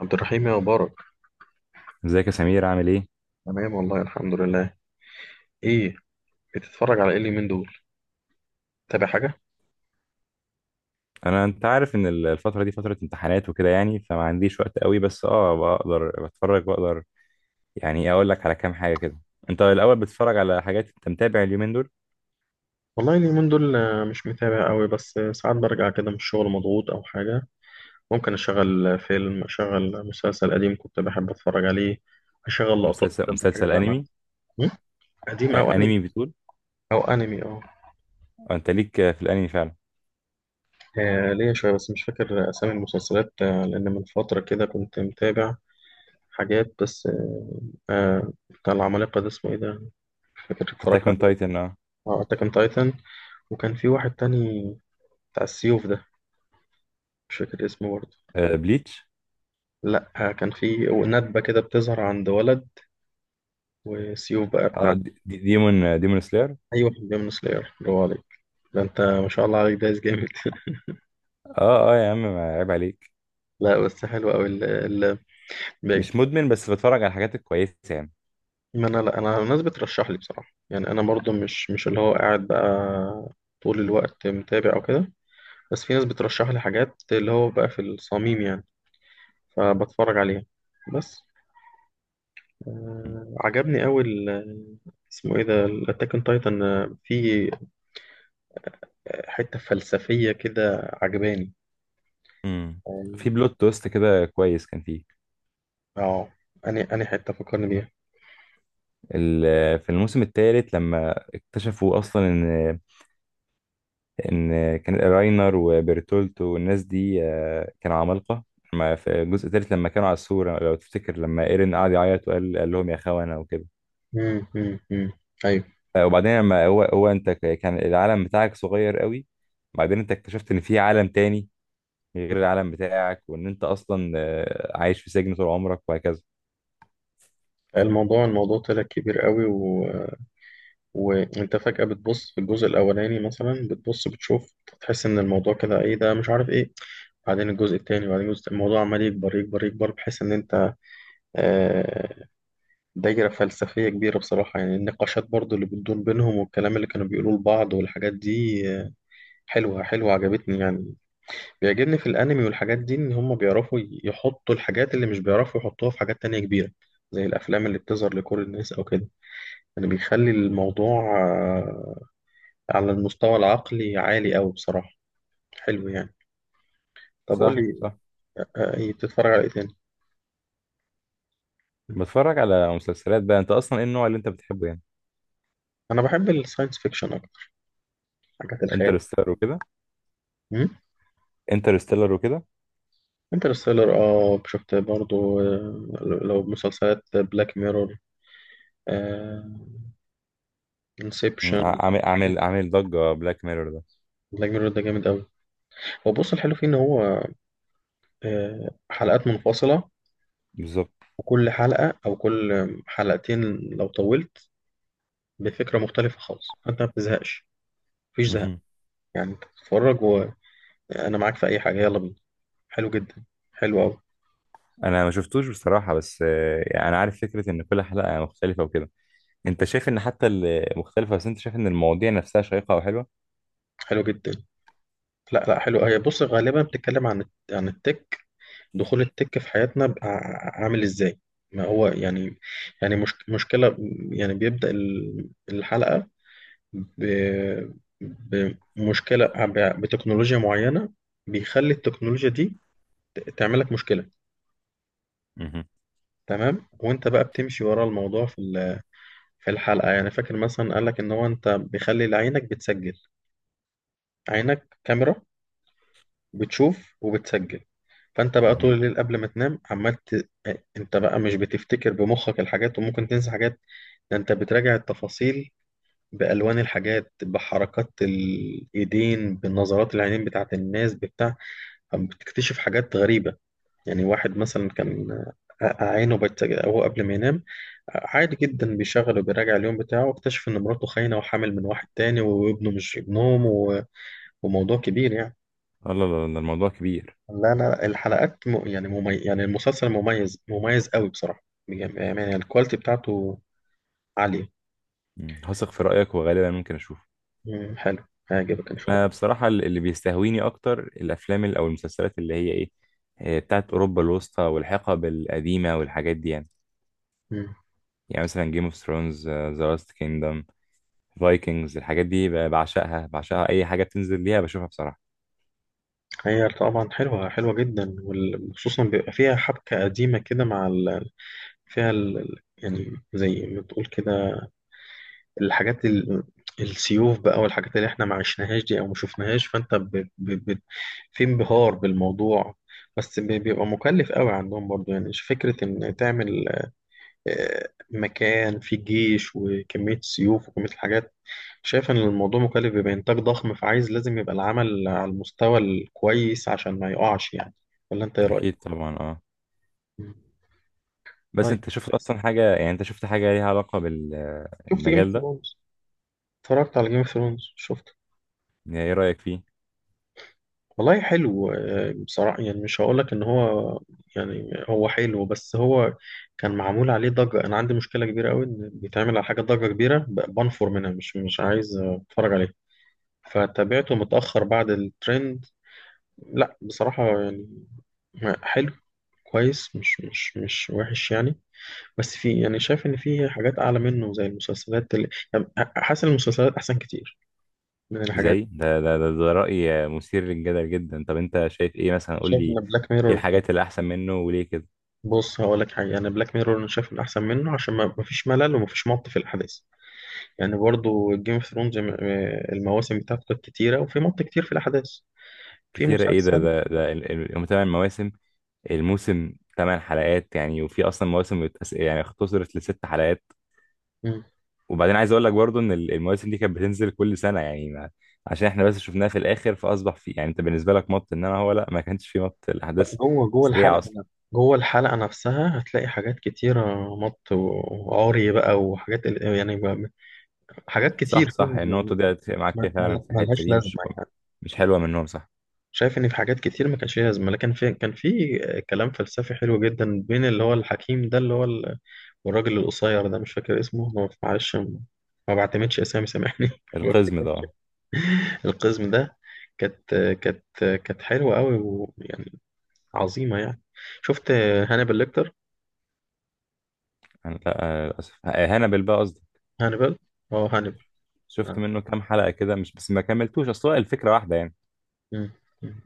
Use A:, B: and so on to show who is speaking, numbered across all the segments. A: عبد الرحيم يا مبارك.
B: ازيك يا سمير؟ عامل ايه؟
A: تمام والله الحمد لله. ايه؟ بتتفرج على ايه اليومين دول؟ تابع حاجة؟
B: انت عارف ان الفتره دي فتره امتحانات وكده يعني، فما عنديش وقت قوي، بس بقدر بتفرج بقدر. يعني إيه، اقول لك على كام حاجه كده. انت الاول بتتفرج على حاجات؟ انت متابع اليومين دول؟
A: والله اليومين دول، مش متابع قوي. بس ساعات برجع كده من الشغل مضغوط او حاجة. ممكن اشغل فيلم، اشغل مسلسل قديم كنت بحب اتفرج عليه. اشغل لقطات
B: مسلسل
A: كده من الحاجات
B: مسلسل
A: اللي انا عارفها.
B: انمي؟
A: م؟ قديم او
B: آه،
A: انمي.
B: انمي بتقول.
A: او انمي اه.
B: آه، انت ليك، في الانمي فعلا.
A: ليا شوية بس مش فاكر اسامي المسلسلات. لان من فترة كده كنت متابع حاجات بس. بتاع العمالقة ده اسمه ايه ده؟ مش فاكر
B: اتاك
A: اتفرجت
B: اون
A: عليه.
B: تايتن، اه.
A: اه، اتاك اون تايتن. وكان في واحد تاني، بتاع السيوف ده، مش فاكر اسمه برضه.
B: آه، بليتش.
A: لا كان في ندبة كده بتظهر عند ولد وسيوف بقى
B: اه،
A: بتاع.
B: ديمون، ديمون سلاير.
A: أي واحد من سلاير، برافو عليك. ده انت ما شاء الله عليك دايس جامد
B: اه اه يا عم، ما عيب عليك.
A: لا بس حلو قوي ال باقي.
B: مش مدمن، بس بتفرج على الحاجات الكويسه يعني.
A: ما انا لا، انا الناس بترشح لي بصراحة، يعني انا برضه مش اللي هو قاعد بقى طول الوقت متابع او كده. بس في ناس بترشح لي حاجات اللي هو بقى في الصميم يعني، فبتفرج عليها بس.
B: م-
A: عجبني قوي ال-، اسمه ايه ده، الاتاك اون تايتن. في حتة فلسفية كده عجباني
B: م. في
A: يعني
B: بلوت تويست كده كويس كان فيه.
A: اه. أني حتة فكرني بيها.
B: في الموسم الثالث لما اكتشفوا اصلا ان كان راينر وبرتولتو والناس دي، آه، كانوا عمالقه. لما في الجزء الثالث، لما كانوا على السور، لو تفتكر لما ايرين قعد يعيط وقال لهم يا خونه وكده.
A: مم، مم، مم. أيوه.
B: آه، وبعدين لما كان العالم بتاعك صغير قوي. بعدين انت اكتشفت ان في عالم تاني غير العالم بتاعك، وان انت اصلا، آه، عايش في سجن طول عمرك وهكذا.
A: الموضوع طلع كبير قوي و... وأنت فجأة بتبص في الجزء الأولاني مثلا، بتبص بتشوف، تحس إن الموضوع كده إيه ده، مش عارف إيه. بعدين الجزء التاني، بعدين الجزء، الموضوع عمال يكبر يكبر يكبر بحيث إن أنت آه، دايرة فلسفية كبيرة بصراحة. يعني النقاشات برضو اللي بتدور بينهم والكلام اللي كانوا بيقولوه لبعض والحاجات دي حلوة حلوة، عجبتني يعني. بيعجبني في الانمي والحاجات دي ان هم بيعرفوا يحطوا الحاجات اللي مش بيعرفوا يحطوها في حاجات تانية كبيرة زي الافلام اللي بتظهر لكل الناس او كده. يعني بيخلي الموضوع على المستوى العقلي عالي قوي بصراحة. حلو يعني. طب قول
B: صح
A: لي،
B: صح.
A: إيه بتتفرج على ايه تاني؟
B: بتفرج على مسلسلات بقى. انت اصلا ايه النوع اللي انت بتحبه يعني؟
A: انا بحب الساينس فيكشن اكتر، حاجات الخيال.
B: انترستيلر وكده.
A: امم.
B: انترستيلر وكده.
A: انترستيلر اه، شفت برضو. لو مسلسلات، بلاك ميرور،
B: مم.
A: انسبشن.
B: عامل ضجة بلاك ميرور ده.
A: بلاك ميرور ده جامد قوي. هو بص، الحلو فيه ان هو حلقات منفصلة،
B: بالظبط.
A: وكل حلقة أو كل حلقتين لو طولت بفكرة مختلفة خالص، فأنت ما بتزهقش، مفيش زهق.
B: مهم.
A: يعني أنت بتتفرج وأنا معاك في أي حاجة، يلا بينا. حلو جدا. حلو أوي.
B: انا ما شفتوش بصراحة، بس آه، يعني انا عارف فكرة ان كل حلقة مختلفة وكده. انت شايف ان حتى المختلفة، بس انت شايف ان المواضيع نفسها شيقة او حلوة؟
A: حلو جدا. لا لا، حلو. هي بص، غالبا بتتكلم عن عن التك، دخول التك في حياتنا بقى عامل إزاي. ما هو يعني، يعني مش مشكلة. يعني بيبدأ الحلقة ب- بمشكلة، بتكنولوجيا معينة، بيخلي التكنولوجيا دي تعمل لك مشكله.
B: مهم.
A: تمام وانت بقى بتمشي ورا الموضوع في في الحلقه. يعني فاكر مثلا قال لك ان هو، انت بيخلي عينك بتسجل، عينك كاميرا بتشوف وبتسجل، فانت بقى
B: مهم.
A: طول الليل قبل ما تنام عمال ت... انت بقى مش بتفتكر بمخك الحاجات وممكن تنسى حاجات. ده انت بتراجع التفاصيل، بالوان الحاجات، بحركات الايدين، بنظرات العينين بتاعت الناس بتاع. بتكتشف حاجات غريبه. يعني واحد مثلا كان عينه بت... هو قبل ما ينام عادي جدا بيشغل وبيراجع اليوم بتاعه، واكتشف ان مراته خاينة وحامل من واحد تاني وابنه مش ابنهم و... وموضوع كبير يعني.
B: لا لا لا، ده الموضوع كبير.
A: لا لا، الحلقات م... يعني ممي... يعني المسلسل مميز، مميز قوي بصراحة بجد. يعني الكواليتي بتاعته عالية.
B: مم. هثق في رأيك، وغالبا ممكن اشوفه.
A: مم، حلو. هيعجبك ان شاء الله.
B: انا بصراحة اللي بيستهويني اكتر الافلام او المسلسلات اللي هي ايه، آه، بتاعت اوروبا الوسطى والحقب القديمة والحاجات دي يعني.
A: مم.
B: يعني مثلا جيم اوف ثرونز، ذا لاست كينجدم، فايكنجز، الحاجات دي بعشقها، اي حاجه بتنزل ليها بشوفها بصراحه.
A: هي طبعا حلوة، حلوة جدا، وخصوصا بيبقى فيها حبكة قديمة كده مع ال... فيها ال... يعني زي ما تقول كده، الحاجات ال... السيوف بقى والحاجات اللي احنا ما عشناهاش دي او ما شفناهاش، فانت ب... ب... ب... في انبهار بالموضوع. بس بيبقى مكلف قوي عندهم برضو. يعني فكرة ان تعمل مكان فيه جيش وكمية سيوف وكمية الحاجات. شايف ان الموضوع مكلف، بيبقى انتاج ضخم، فعايز لازم يبقى العمل على المستوى الكويس عشان ما يقعش يعني. ولا انت ايه رأيك؟
B: اكيد طبعا، اه.
A: مم.
B: بس
A: طيب،
B: انت شفت اصلا حاجه، يعني انت شفت حاجه ليها علاقه
A: شفت جيم اوف
B: بالمجال ده؟
A: ثرونز؟ اتفرجت على جيم اوف ثرونز شفت.
B: يعني ايه رايك فيه؟
A: والله حلو، بصراحة. يعني مش هقولك إن هو، يعني هو حلو بس هو كان معمول عليه ضجة. أنا عندي مشكلة كبيرة أوي إن بيتعمل على حاجة ضجة كبيرة، بنفر منها، مش عايز أتفرج عليه. فتابعته متأخر بعد الترند. لا بصراحة يعني حلو، كويس، مش وحش يعني. بس في، يعني شايف إن في حاجات أعلى منه زي المسلسلات اللي يعني حاسس إن المسلسلات أحسن كتير من الحاجات.
B: زي ده، راي مثير للجدل جدا. طب انت شايف ايه مثلا؟ قول
A: شايف
B: لي،
A: إن بلاك
B: ايه
A: ميرور،
B: الحاجات اللي احسن منه وليه كده؟
A: بص هقول لك حاجه، انا بلاك ميرور انا شايف انه احسن منه عشان ما مفيش ملل ومفيش مط في الاحداث. يعني برضو جيم اوف ثرونز المواسم بتاعته كانت كتيره وفي مط كتير في الاحداث. في
B: كتير ايه؟
A: مسلسل.
B: هم تمن مواسم، الموسم ثمان حلقات يعني، وفي اصلا مواسم يعني اختصرت لست حلقات.
A: مم.
B: وبعدين عايز اقول لك برضو ان المواسم دي كانت بتنزل كل سنه يعني، ما عشان احنا بس شفناها في الاخر، فاصبح في، يعني انت بالنسبه لك مط. ان انا هو، لا، ما كانش في مط الاحداث.
A: بقى جوه، جوه
B: سريعه
A: الحلقه،
B: اصلا.
A: جوه الحلقه نفسها هتلاقي حاجات كتيره، مط وعري بقى وحاجات ال-، يعني بقى-، حاجات
B: صح
A: كتير فيها
B: صح، يعني النقطه
A: يعني.
B: دي اتفق معاك فيها فعلا، في الحته
A: ملهاش
B: دي مش...
A: لازمه يعني.
B: مش حلوه منهم، صح.
A: شايف ان في حاجات كتير ما كانش ليها لازمه، لكن في، كان في كلام فلسفي حلو جدا بين اللي هو الحكيم ده اللي هو، والراجل القصير ده مش فاكر اسمه، ما بفعلش، ما بعتمدش اسامي سامحني.
B: القزم ده، اه.
A: القزم ده، كانت كانت كانت حلوه قوي ويعني عظيمه يعني. شفت هانيبال ليكتر؟
B: لا، آه، للاسف، آه، هانبل بقى قصدي.
A: هانيبال، اه هانيبال.
B: شفت
A: آه.
B: منه كام حلقه كده مش بس، ما كملتوش، اصل هو الفكره واحده يعني.
A: مم. مم.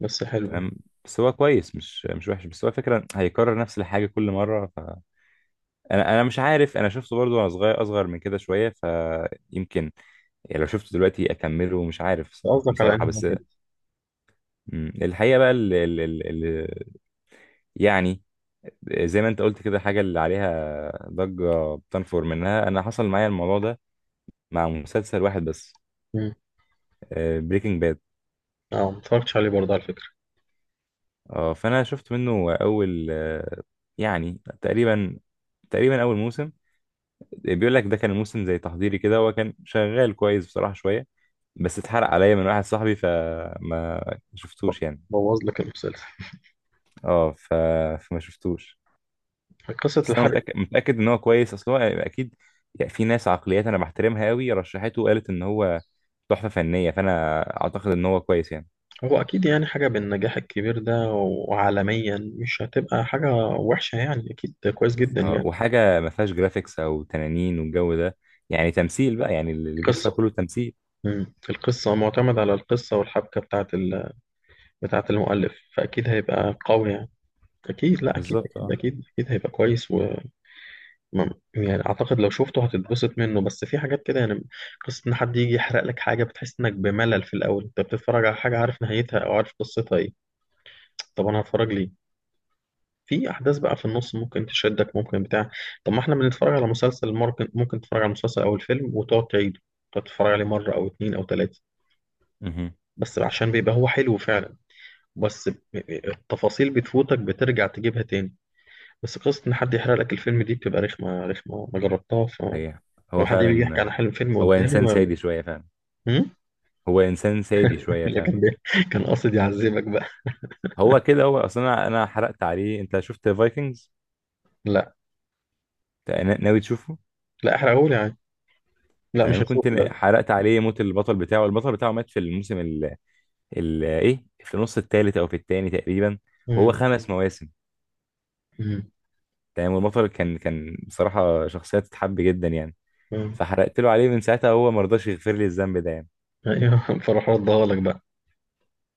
A: بس حلو
B: تمام.
A: يعني.
B: بس هو كويس، مش وحش، بس هو فكرة هيكرر نفس الحاجة كل مرة، فأنا مش عارف. أنا شفته برضو وأنا صغير، أصغر من كده شوية، فيمكن، يعني لو شفته دلوقتي اكمله مش عارف
A: قصدك على
B: بصراحه
A: انهي
B: بس.
A: واحد؟
B: مم. الحقيقه بقى، ال ال ال ال يعني، زي ما انت قلت كده، حاجه اللي عليها ضجه بتنفر منها. انا حصل معايا الموضوع ده مع مسلسل واحد بس:
A: مم.
B: بريكنج باد.
A: اه، ما اتفرجتش عليه برضه على فكره.
B: اه، فانا شفت منه اول، آه، يعني تقريبا، تقريبا اول موسم. بيقول لك ده كان موسم زي تحضيري كده. هو كان شغال كويس بصراحه شويه، بس اتحرق عليا من واحد صاحبي فما
A: ب-
B: شفتوش يعني.
A: بوظ لك المسلسل.
B: اه ف... فما شفتوش.
A: قصة
B: بس انا
A: الحرق.
B: متاكد ان هو كويس. اصل هو اكيد، يعني في ناس عقليات انا بحترمها قوي رشحته وقالت ان هو تحفه فنيه، فانا اعتقد ان هو كويس يعني.
A: هو أكيد يعني، حاجة بالنجاح الكبير ده وعالميا مش هتبقى حاجة وحشة يعني، أكيد كويس جدا
B: آه،
A: يعني.
B: وحاجه ما فيهاش جرافيكس او تنانين والجو ده، يعني تمثيل بقى، يعني اللي بيحصل
A: قصة.
B: كله تمثيل.
A: مم. القصة معتمد على القصة والحبكة بتاعة ال... بتاعة المؤلف، فأكيد هيبقى قوي يعني. أكيد، لا أكيد
B: بالظبط،
A: أكيد
B: اه.
A: أكيد أكيد هيبقى كويس و يعني أعتقد لو شفته هتتبسط منه بس في حاجات كده يعني. قصة إن حد يجي يحرق لك حاجة بتحس إنك بملل في الأول، أنت بتتفرج على حاجة عارف نهايتها أو عارف قصتها إيه. طب أنا هتفرج ليه؟ في أحداث بقى في النص ممكن تشدك، ممكن بتاع. طب ما إحنا بنتفرج على مسلسل، ممكن تتفرج على مسلسل أو الفيلم وتقعد تعيده، تقعد تتفرج عليه مرة أو اتنين أو تلاتة
B: مهم.
A: بس عشان بيبقى هو حلو فعلا. بس التفاصيل بتفوتك، بترجع تجيبها تاني. بس قصة إن حد يحرق لك الفيلم دي بتبقى رخمة، رخمة، ما جربتها. فلو
B: صحيح، هو
A: حد بيجي يحكي
B: فعلا.
A: عن حلم فيلم
B: هو
A: قدامي
B: انسان سادي
A: ما...
B: شويه فعلا.
A: هم؟
B: هو انسان سادي شويه
A: لا
B: فعلا.
A: كان بي... كان قاصد يعذبك بقى.
B: هو كده، هو اصلا انا حرقت عليه. انت شفت فايكنجز؟
A: لا
B: ناوي تشوفه؟
A: لا، احرقهولي يعني، لا مش
B: تمام. كنت
A: هشوفه لا.
B: حرقت عليه موت البطل بتاعه. مات في الموسم ايه، في النص الثالث او في الثاني تقريبا. وهو
A: مم.
B: خمس مواسم.
A: مم.
B: تمام. والبطل كان بصراحه شخصيه تتحب جدا يعني.
A: مم.
B: فحرقت له عليه، من ساعتها هو ما رضاش يغفر لي الذنب ده يعني.
A: ايوه فراح ردها لك بقى.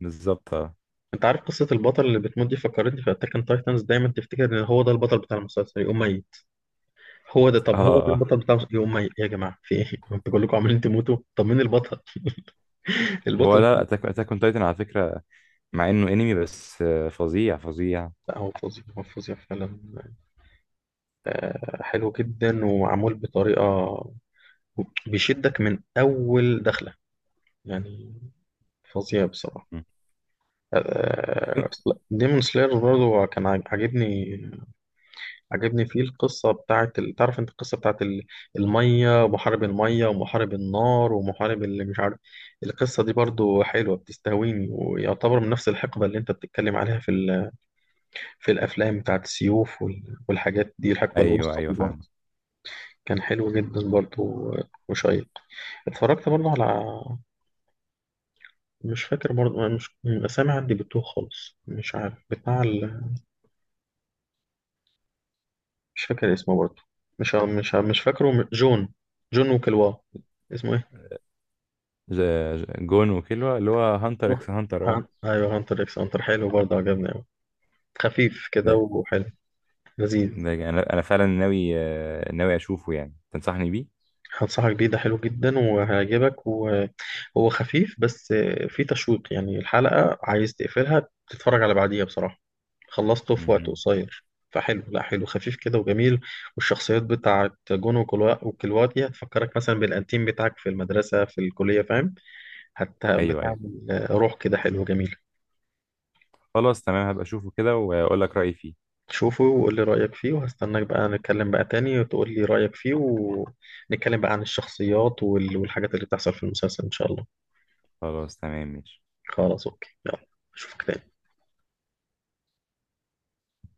B: بالظبط، اه.
A: انت عارف قصة البطل اللي بتموت دي فكرتني في اتاك اون تايتنز، دايما تفتكر ان هو ده البطل بتاع المسلسل يقوم ميت. هو ده،
B: اه
A: طب هو
B: اه
A: ده البطل
B: آه.
A: بتاع المسلسل يقوم ميت، يا جماعة في ايه انتوا كلكم عمالين تموتوا، طب مين البطل؟
B: هو
A: البطل.
B: لا، اتاك اون تايتن على فكره، مع انه انمي، بس آه، فظيع فظيع.
A: لا هو فظيع، هو فظيع فعلا، حلو جدا ومعمول بطريقة بيشدك من أول دخلة، يعني فظيع بصراحة.
B: مم.
A: لا، ديمون سلاير برضه كان عاجبني. عاجبني فيه القصة بتاعت ال-، تعرف انت القصة بتاعت ال-، المية ومحارب المية ومحارب النار ومحارب اللي مش عارف. القصة دي برضه حلوة، بتستهويني، ويعتبر من نفس الحقبة اللي انت بتتكلم عليها في ال-، في الأفلام بتاعت السيوف وال- والحاجات دي الحقبة
B: ايوه
A: الوسطى
B: ايوه
A: دي
B: فاهم.
A: برضه. كان حلو جدا برضه وشيق. اتفرجت برضه على، مش فاكر برضه، مش الأسامي عندي بتوه خالص، مش عارف بتاع ال... مش فاكر اسمه برضه. مش ع-، مش ع-، مش فاكره م-، جون، جون وكلوا، اسمه ايه؟
B: ج- جون وكيلوا اللي هو هانتر
A: روح،
B: اكس هانتر، اه.
A: ها- ايوه، هانتر اكس هانتر حلو برضه، عجبني أوي. خفيف كده
B: ده
A: وحلو، لذيذ.
B: ده انا فعلا ناوي اشوفه يعني، تنصحني بيه؟
A: هنصحك بيه، ده حلو جدا وهيعجبك، وهو خفيف بس فيه تشويق. يعني الحلقة عايز تقفلها تتفرج على بعديها بصراحة، خلصته في وقت
B: مهم.
A: قصير. فحلو، لا حلو، خفيف كده وجميل. والشخصيات بتاعت جون وكلواتي هتفكرك مثلا بالأنتيم بتاعك في المدرسة في الكلية فاهم. حتى
B: ايوه، أيوه.
A: بتعمل روح كده حلو جميل.
B: خلاص تمام، هبقى اشوفه كده واقول لك رأيي فيه.
A: شوفه وقول لي رأيك فيه، وهستناك بقى، نتكلم بقى تاني وتقول لي رأيك فيه، ونتكلم بقى عن الشخصيات وال- والحاجات اللي بتحصل في المسلسل إن شاء الله.
B: خلاص تمام ماشي.
A: خلاص اوكي يلا. اشوفك تاني.